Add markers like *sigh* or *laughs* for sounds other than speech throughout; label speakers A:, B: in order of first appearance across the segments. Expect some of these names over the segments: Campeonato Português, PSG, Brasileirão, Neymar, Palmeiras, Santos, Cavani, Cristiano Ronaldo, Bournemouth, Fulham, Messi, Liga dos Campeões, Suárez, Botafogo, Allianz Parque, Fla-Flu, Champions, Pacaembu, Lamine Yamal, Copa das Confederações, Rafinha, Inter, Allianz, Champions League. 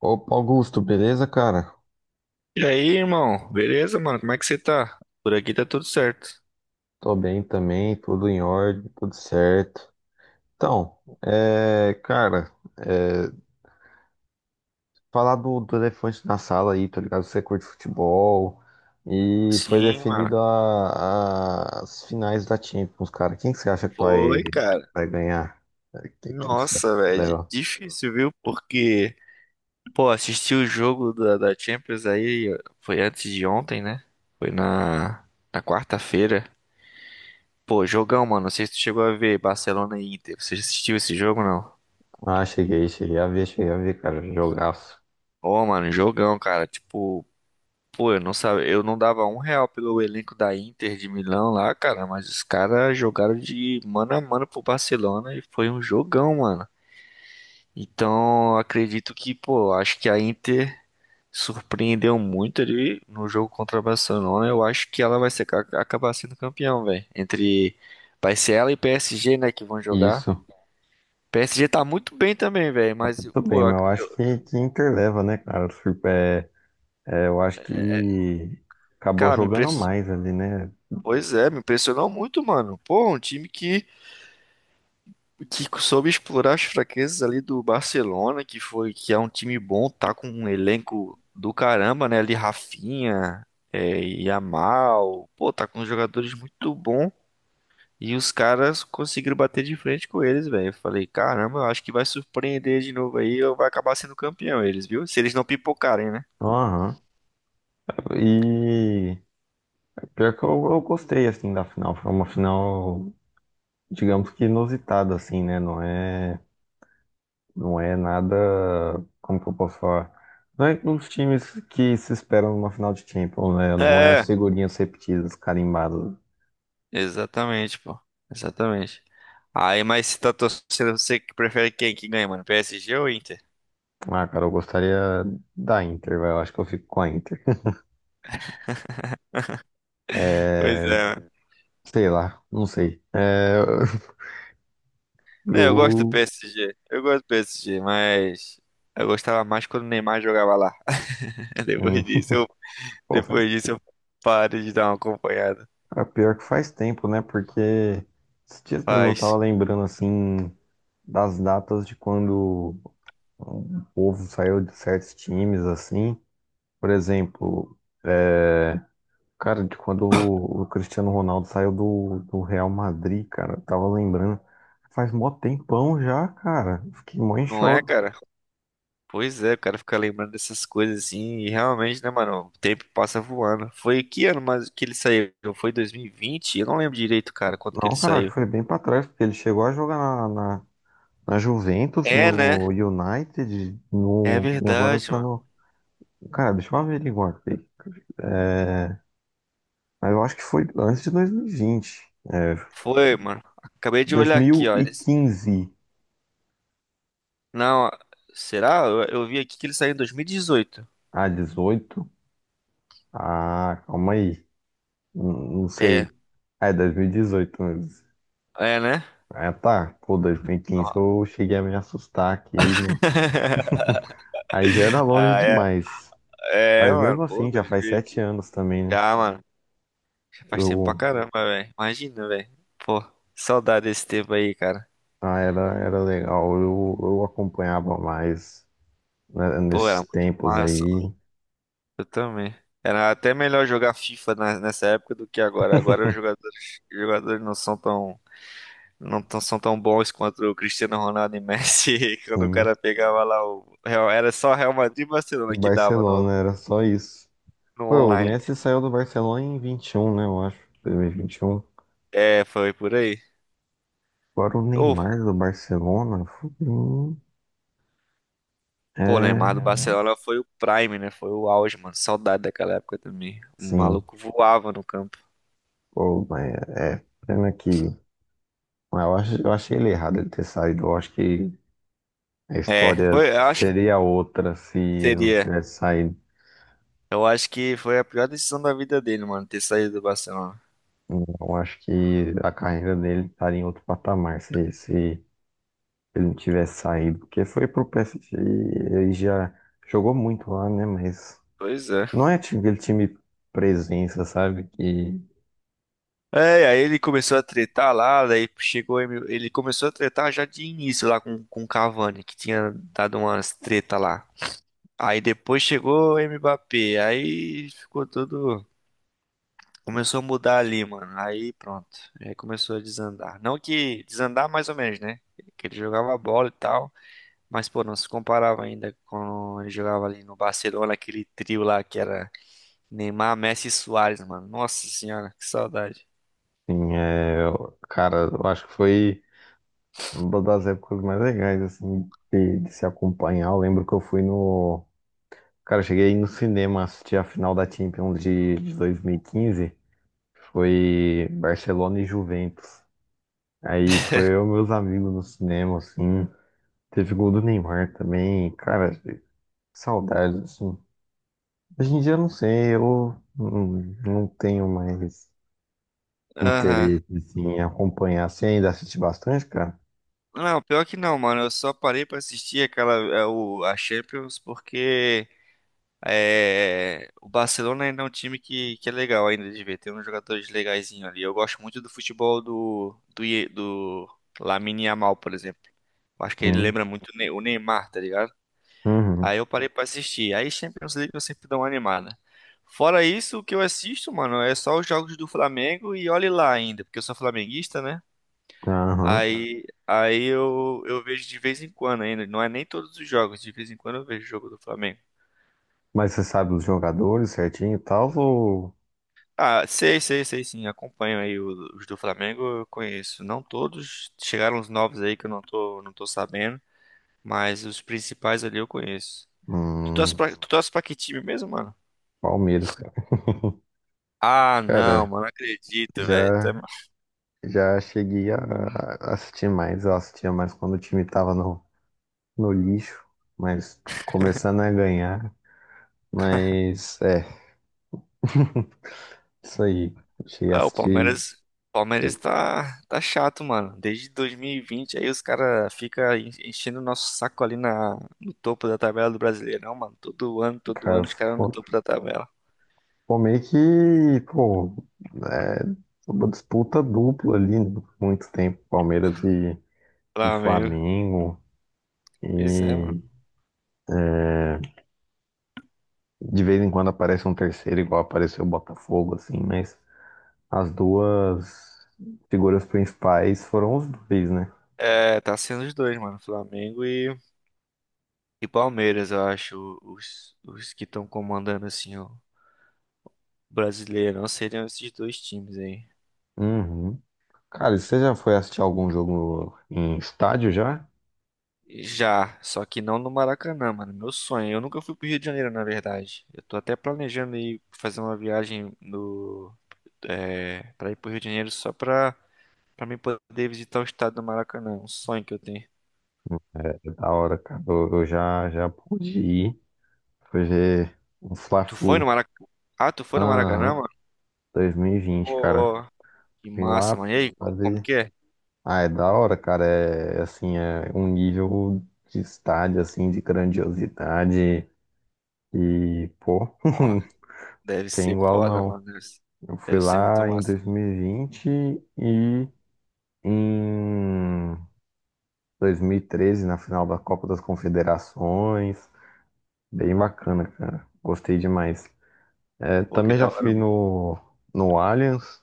A: Opa, Augusto, beleza, cara?
B: E aí, irmão? Beleza, mano? Como é que você tá? Por aqui tá tudo certo.
A: Tô bem também, tudo em ordem, tudo certo. Então, cara, é, falar do elefante na sala aí, tá ligado? Você curte futebol e foi
B: Sim, mano.
A: definido as finais da Champions, cara. Quem que você acha que
B: Foi, cara.
A: vai ganhar? É, quem que você acha
B: Nossa,
A: que
B: velho.
A: leva?
B: Difícil, viu? Porque, pô, assisti o jogo da Champions aí. Foi antes de ontem, né? Foi na quarta-feira. Pô, jogão, mano. Não sei se tu chegou a ver Barcelona e Inter. Você já assistiu esse jogo, não?
A: Ah, cheguei a ver, cara, jogaço.
B: Ô, mano, jogão, cara. Tipo. Pô, eu não sabia, eu não dava um real pelo elenco da Inter de Milão lá, cara, mas os caras jogaram de mano a mano pro Barcelona e foi um jogão, mano. Então, acredito que, pô, acho que a Inter surpreendeu muito ali no jogo contra o Barcelona. Eu acho que ela vai ser, acabar sendo campeão, velho. Entre vai ser ela e PSG, né, que vão jogar.
A: Isso,
B: PSG tá muito bem também, velho, mas
A: muito
B: pô,
A: bem, mas eu acho que Inter leva, né, cara? Eu acho que acabou
B: cara, me
A: jogando
B: impressionou.
A: mais ali, né?
B: Pois é, me impressionou muito, mano. Pô, um time que soube explorar as fraquezas ali do Barcelona, que foi que é um time bom, tá com um elenco do caramba, né? Ali Rafinha, é, Yamal, pô, tá com jogadores muito bons. E os caras conseguiram bater de frente com eles, velho. Eu falei, caramba, eu acho que vai surpreender de novo aí, ou vai acabar sendo campeão eles, viu? Se eles não pipocarem, né?
A: Aham. E pior que eu gostei assim da final. Foi uma final, digamos que inusitada, assim, né? Não é nada, como que eu posso falar? Não é dos times que se esperam numa final de Champions, né? Não é as
B: É,
A: figurinhas repetidas, carimbadas.
B: exatamente, pô. Exatamente. Aí, mas se tá torcendo, você que prefere quem que ganha, mano? PSG ou Inter? *laughs*
A: Ah, cara, eu gostaria da Inter, velho. Eu acho que eu fico com a Inter.
B: Pois
A: É,
B: é,
A: sei lá, não sei. É, *laughs*
B: é, eu gosto do
A: eu,
B: PSG. Eu gosto do PSG, mas eu gostava mais quando o Neymar jogava lá. *laughs* Depois
A: eu-
B: disso,
A: Pô, faz
B: depois disso eu parei de dar uma acompanhada.
A: Ah, pior que faz tempo, né? Porque esses dias mesmo eu tava
B: Mas,
A: lembrando, assim, das datas de quando o povo saiu de certos times, assim. Por exemplo, é... cara, de quando o Cristiano Ronaldo saiu do Real Madrid, cara. Eu tava lembrando, faz mó tempão já, cara. Fiquei mó em
B: não é,
A: choque.
B: cara? Pois é, o cara fica lembrando dessas coisas assim, e realmente, né, mano? O tempo passa voando. Foi que ano mais que ele saiu? Foi 2020? Eu não lembro direito, cara, quanto que ele
A: Não, cara, acho que
B: saiu.
A: foi bem pra trás, porque ele chegou a jogar na Juventus,
B: É, né?
A: no United,
B: É
A: no, e agora
B: verdade,
A: tá
B: mano.
A: no. Cara, deixa eu averiguar aqui. É, mas eu acho que foi antes de 2020. É,
B: Foi, mano. Acabei de olhar aqui, ó. Eles...
A: 2015
B: Não, será? Eu vi aqui que ele saiu em 2018.
A: a 18. Ah, calma aí. Não
B: É,
A: sei. Ah, é 2018 mesmo.
B: É, né?
A: Ah, tá. Pô, 2015
B: Ó.
A: eu cheguei a me assustar aqui, mas
B: *laughs*
A: aí já era longe
B: Ah, é.
A: demais.
B: É,
A: Mas
B: mano.
A: mesmo
B: Pô,
A: assim, já faz
B: 2000
A: sete
B: aqui.
A: anos também, né?
B: Já, mano. Já faz tempo pra
A: Eu,
B: caramba, velho. Imagina, velho. Pô, saudade desse tempo aí, cara.
A: ah, era legal. Eu acompanhava mais, né,
B: Pô, era
A: nesses
B: muito
A: tempos
B: massa,
A: aí.
B: mano. Eu também. Era até melhor jogar FIFA nessa época do que agora. Agora os
A: *laughs*
B: jogadores, os jogadores não são tão, não tão- são tão bons quanto o Cristiano Ronaldo e Messi. *laughs* Quando o
A: Sim.
B: cara pegava lá o era só Real Madrid e
A: E
B: Barcelona que dava
A: Barcelona era só isso.
B: no
A: Pô, o
B: online.
A: Messi saiu do Barcelona em 21, né? Eu acho. 2021.
B: É, foi por aí.
A: Agora o
B: Ou
A: Neymar do Barcelona, fudeu.
B: pô,
A: É.
B: Neymar do Barcelona foi o prime, né? Foi o auge, mano. Saudade daquela época também. O
A: Sim.
B: maluco voava no campo.
A: Pô, mas é, é pena que. Mas eu eu achei ele errado ele ter saído. Eu acho que a
B: É,
A: história
B: foi, eu acho que
A: seria outra se ele não
B: seria.
A: tivesse saído.
B: Eu acho que foi a pior decisão da vida dele, mano, ter saído do Barcelona.
A: Eu acho que a carreira dele estaria em outro patamar se ele não tivesse saído. Porque foi pro PSG e ele já jogou muito lá, né? Mas.
B: Pois é.
A: Não é tipo aquele time presença, sabe? Que,
B: É, aí ele começou a tretar lá, daí chegou, ele começou a tretar já de início lá com o Cavani, que tinha dado umas treta lá. Aí depois chegou o Mbappé, aí ficou tudo. Começou a mudar ali, mano. Aí pronto. Aí começou a desandar. Não que desandar mais ou menos, né? Que ele jogava bola e tal. Mas, pô, não se comparava ainda quando ele jogava ali no Barcelona, aquele trio lá que era Neymar, Messi e Suárez, mano. Nossa senhora, que saudade.
A: assim, é, cara, eu acho que foi uma das épocas mais legais, assim, de se acompanhar. Eu lembro que eu fui no. Cara, eu cheguei no cinema assistir a final da Champions de 2015. Foi Barcelona e Juventus. Aí foi eu e meus amigos no cinema, assim. Teve gol do Neymar também. Cara, saudades, assim. Hoje em dia, eu não sei, eu não, não tenho mais
B: Aham.
A: interesse assim, em acompanhar. Você ainda assiste bastante, cara?
B: Não, pior que não, mano. Eu só parei pra assistir aquela, é, a Champions porque é, o Barcelona ainda é um time que é legal ainda de ver. Tem uns jogadores legaizinhos ali. Eu gosto muito do futebol do Lamine Yamal, por exemplo. Eu acho que ele
A: Hum.
B: lembra muito o Neymar, tá ligado?
A: Uhum.
B: Aí eu parei pra assistir. Aí Champions League eu sempre dou uma animada. Fora isso, o que eu assisto, mano, é só os jogos do Flamengo e olhe lá ainda, porque eu sou flamenguista, né?
A: Aham.
B: Aí, eu vejo de vez em quando ainda. Não é nem todos os jogos, de vez em quando eu vejo o jogo do Flamengo.
A: Mas você sabe os jogadores certinho e tal? Ou...
B: Ah, sei, sei, sei sim. Acompanho aí os do Flamengo, eu conheço. Não todos, chegaram os novos aí que eu não tô sabendo, mas os principais ali eu conheço. Tu torce
A: Hum,
B: pra, uhum, tu uhum, torce pra que time mesmo, mano?
A: Palmeiras, cara. *laughs*
B: Ah, não,
A: Cara,
B: mano, não acredito, velho. Tam-
A: já, já cheguei a assistir mais. Eu assistia mais quando o time tava no lixo, mas começando a ganhar. Mas é, isso aí. Cheguei a
B: Ah,
A: assistir,
B: Palmeiras tá chato, mano. Desde 2020 aí os caras ficam enchendo o nosso saco ali na, no topo da tabela do Brasileirão, mano. Todo
A: cara,
B: ano os caras no topo da tabela.
A: ficou meio que, pô, é, uma disputa dupla ali, né, por muito tempo, Palmeiras e
B: Flamengo.
A: Flamengo,
B: Pois é,
A: e
B: mano.
A: é, de vez em quando aparece um terceiro, igual apareceu o Botafogo, assim, mas as duas figuras principais foram os dois, né?
B: É, tá sendo os dois, mano. Flamengo e Palmeiras, eu acho. Os que estão comandando, assim, o brasileiro. Não seriam esses dois times aí.
A: Uhum. Cara, e você já foi assistir algum jogo em estádio já?
B: Já, só que não no Maracanã, mano. Meu sonho. Eu nunca fui pro Rio de Janeiro, na verdade. Eu tô até planejando ir fazer uma viagem no, é, pra ir pro Rio de Janeiro só pra, pra mim poder visitar o estado do Maracanã. Um sonho que eu tenho.
A: É da hora, cara. Já pude ir. Foi ver um
B: Tu foi no
A: Fla-Flu.
B: Maracanã? Ah, tu foi no Maracanã,
A: Aham,
B: mano?
A: 2020,
B: Pô,
A: cara.
B: ó, que
A: Fui
B: massa,
A: lá
B: mano. E aí, como
A: fazer.
B: que é?
A: Ah, é da hora, cara. É assim, é um nível de estádio, assim, de grandiosidade. E, pô, *laughs*
B: Deve
A: tem
B: ser
A: igual
B: foda,
A: não.
B: mano.
A: Eu fui
B: Deve ser muito
A: lá em
B: massa, mano.
A: 2020 e vinte e em 2013, na final da Copa das Confederações. Bem bacana, cara. Gostei demais. É,
B: Pô, que
A: também já
B: da hora,
A: fui
B: mano.
A: no Allianz,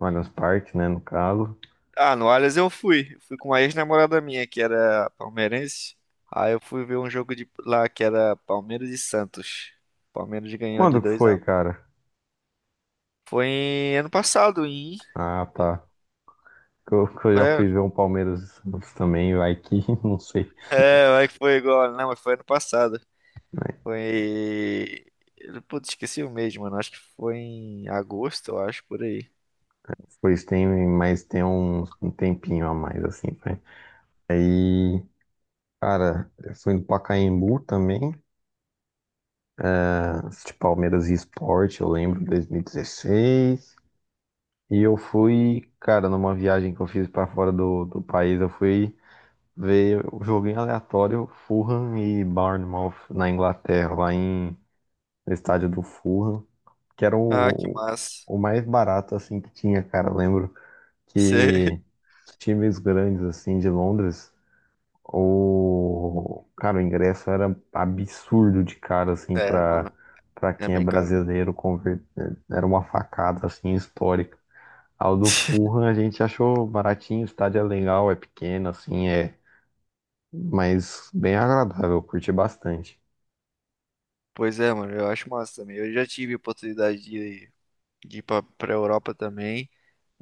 A: no Allianz Parque, né, no caso.
B: Ah, no Allianz eu fui. Fui com uma ex-namorada minha, que era palmeirense. Aí eu fui ver um jogo de lá que era Palmeiras e Santos. Palmeiras ganhou de
A: Quando que
B: dois a
A: foi,
B: um
A: cara?
B: Foi ano passado, em.
A: Ah, tá. Que eu já
B: É,
A: fui ver um Palmeiras e Santos também, vai que, *laughs* não sei.
B: é, vai que foi igual. Não, mas foi ano passado.
A: Mas
B: Foi. Putz, esqueci o mês, mano. Acho que foi em agosto, eu acho, por aí.
A: depois tem, mas tem um tempinho a mais, assim, vai. Aí, cara, eu fui no Pacaembu também, ah, de Palmeiras e Sport, eu lembro, 2016. E 16. E eu fui, cara, numa viagem que eu fiz pra fora do país, eu fui ver o jogo em aleatório, Fulham e Bournemouth na Inglaterra, lá em, no estádio do Fulham, que era
B: Ah, que
A: o,
B: massa.
A: o mais barato assim que tinha, cara. Eu lembro
B: Cê- *laughs*
A: que os times grandes assim de Londres, o cara, o ingresso era absurdo de cara assim
B: É, mano,
A: para
B: é
A: quem é
B: bem caro.
A: brasileiro era uma facada assim histórica. Ao do
B: *laughs*
A: Fulham a gente achou baratinho, o estádio é legal, é pequeno assim, mas bem agradável, eu curti bastante.
B: Pois é, mano, eu acho massa também. Eu já tive oportunidade de ir pra, pra Europa também,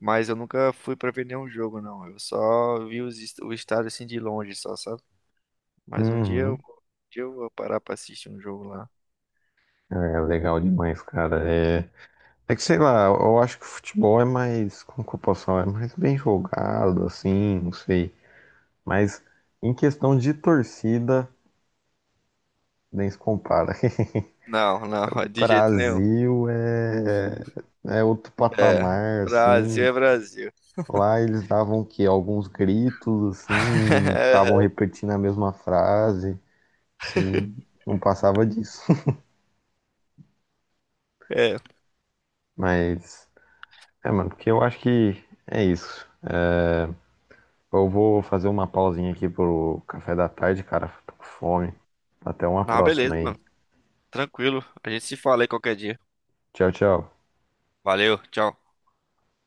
B: mas eu nunca fui pra ver nenhum jogo, não. Eu só vi o estádio assim de longe, só, sabe? Mas um dia, um
A: Uhum.
B: dia eu vou parar pra assistir um jogo lá.
A: É legal demais, cara. É É que sei lá, eu acho que o futebol é mais, como que eu posso falar, é mais bem jogado, assim, não sei. Mas em questão de torcida, nem se compara. *laughs*
B: Não, não, *laughs* de jeito nenhum.
A: Brasil é outro
B: É,
A: patamar,
B: Brasil
A: assim.
B: é Brasil.
A: Lá eles davam o quê? Alguns gritos, assim, ficavam
B: *laughs*
A: repetindo a mesma frase e não passava disso. *laughs*
B: É,
A: Mas, é, mano, porque eu acho que é isso. Eu vou fazer uma pausinha aqui pro café da tarde, cara. Tô com fome. Até uma
B: não,
A: próxima
B: beleza,
A: aí.
B: mano. Tranquilo. A gente se fala aí qualquer dia.
A: Tchau, tchau.
B: Valeu, tchau.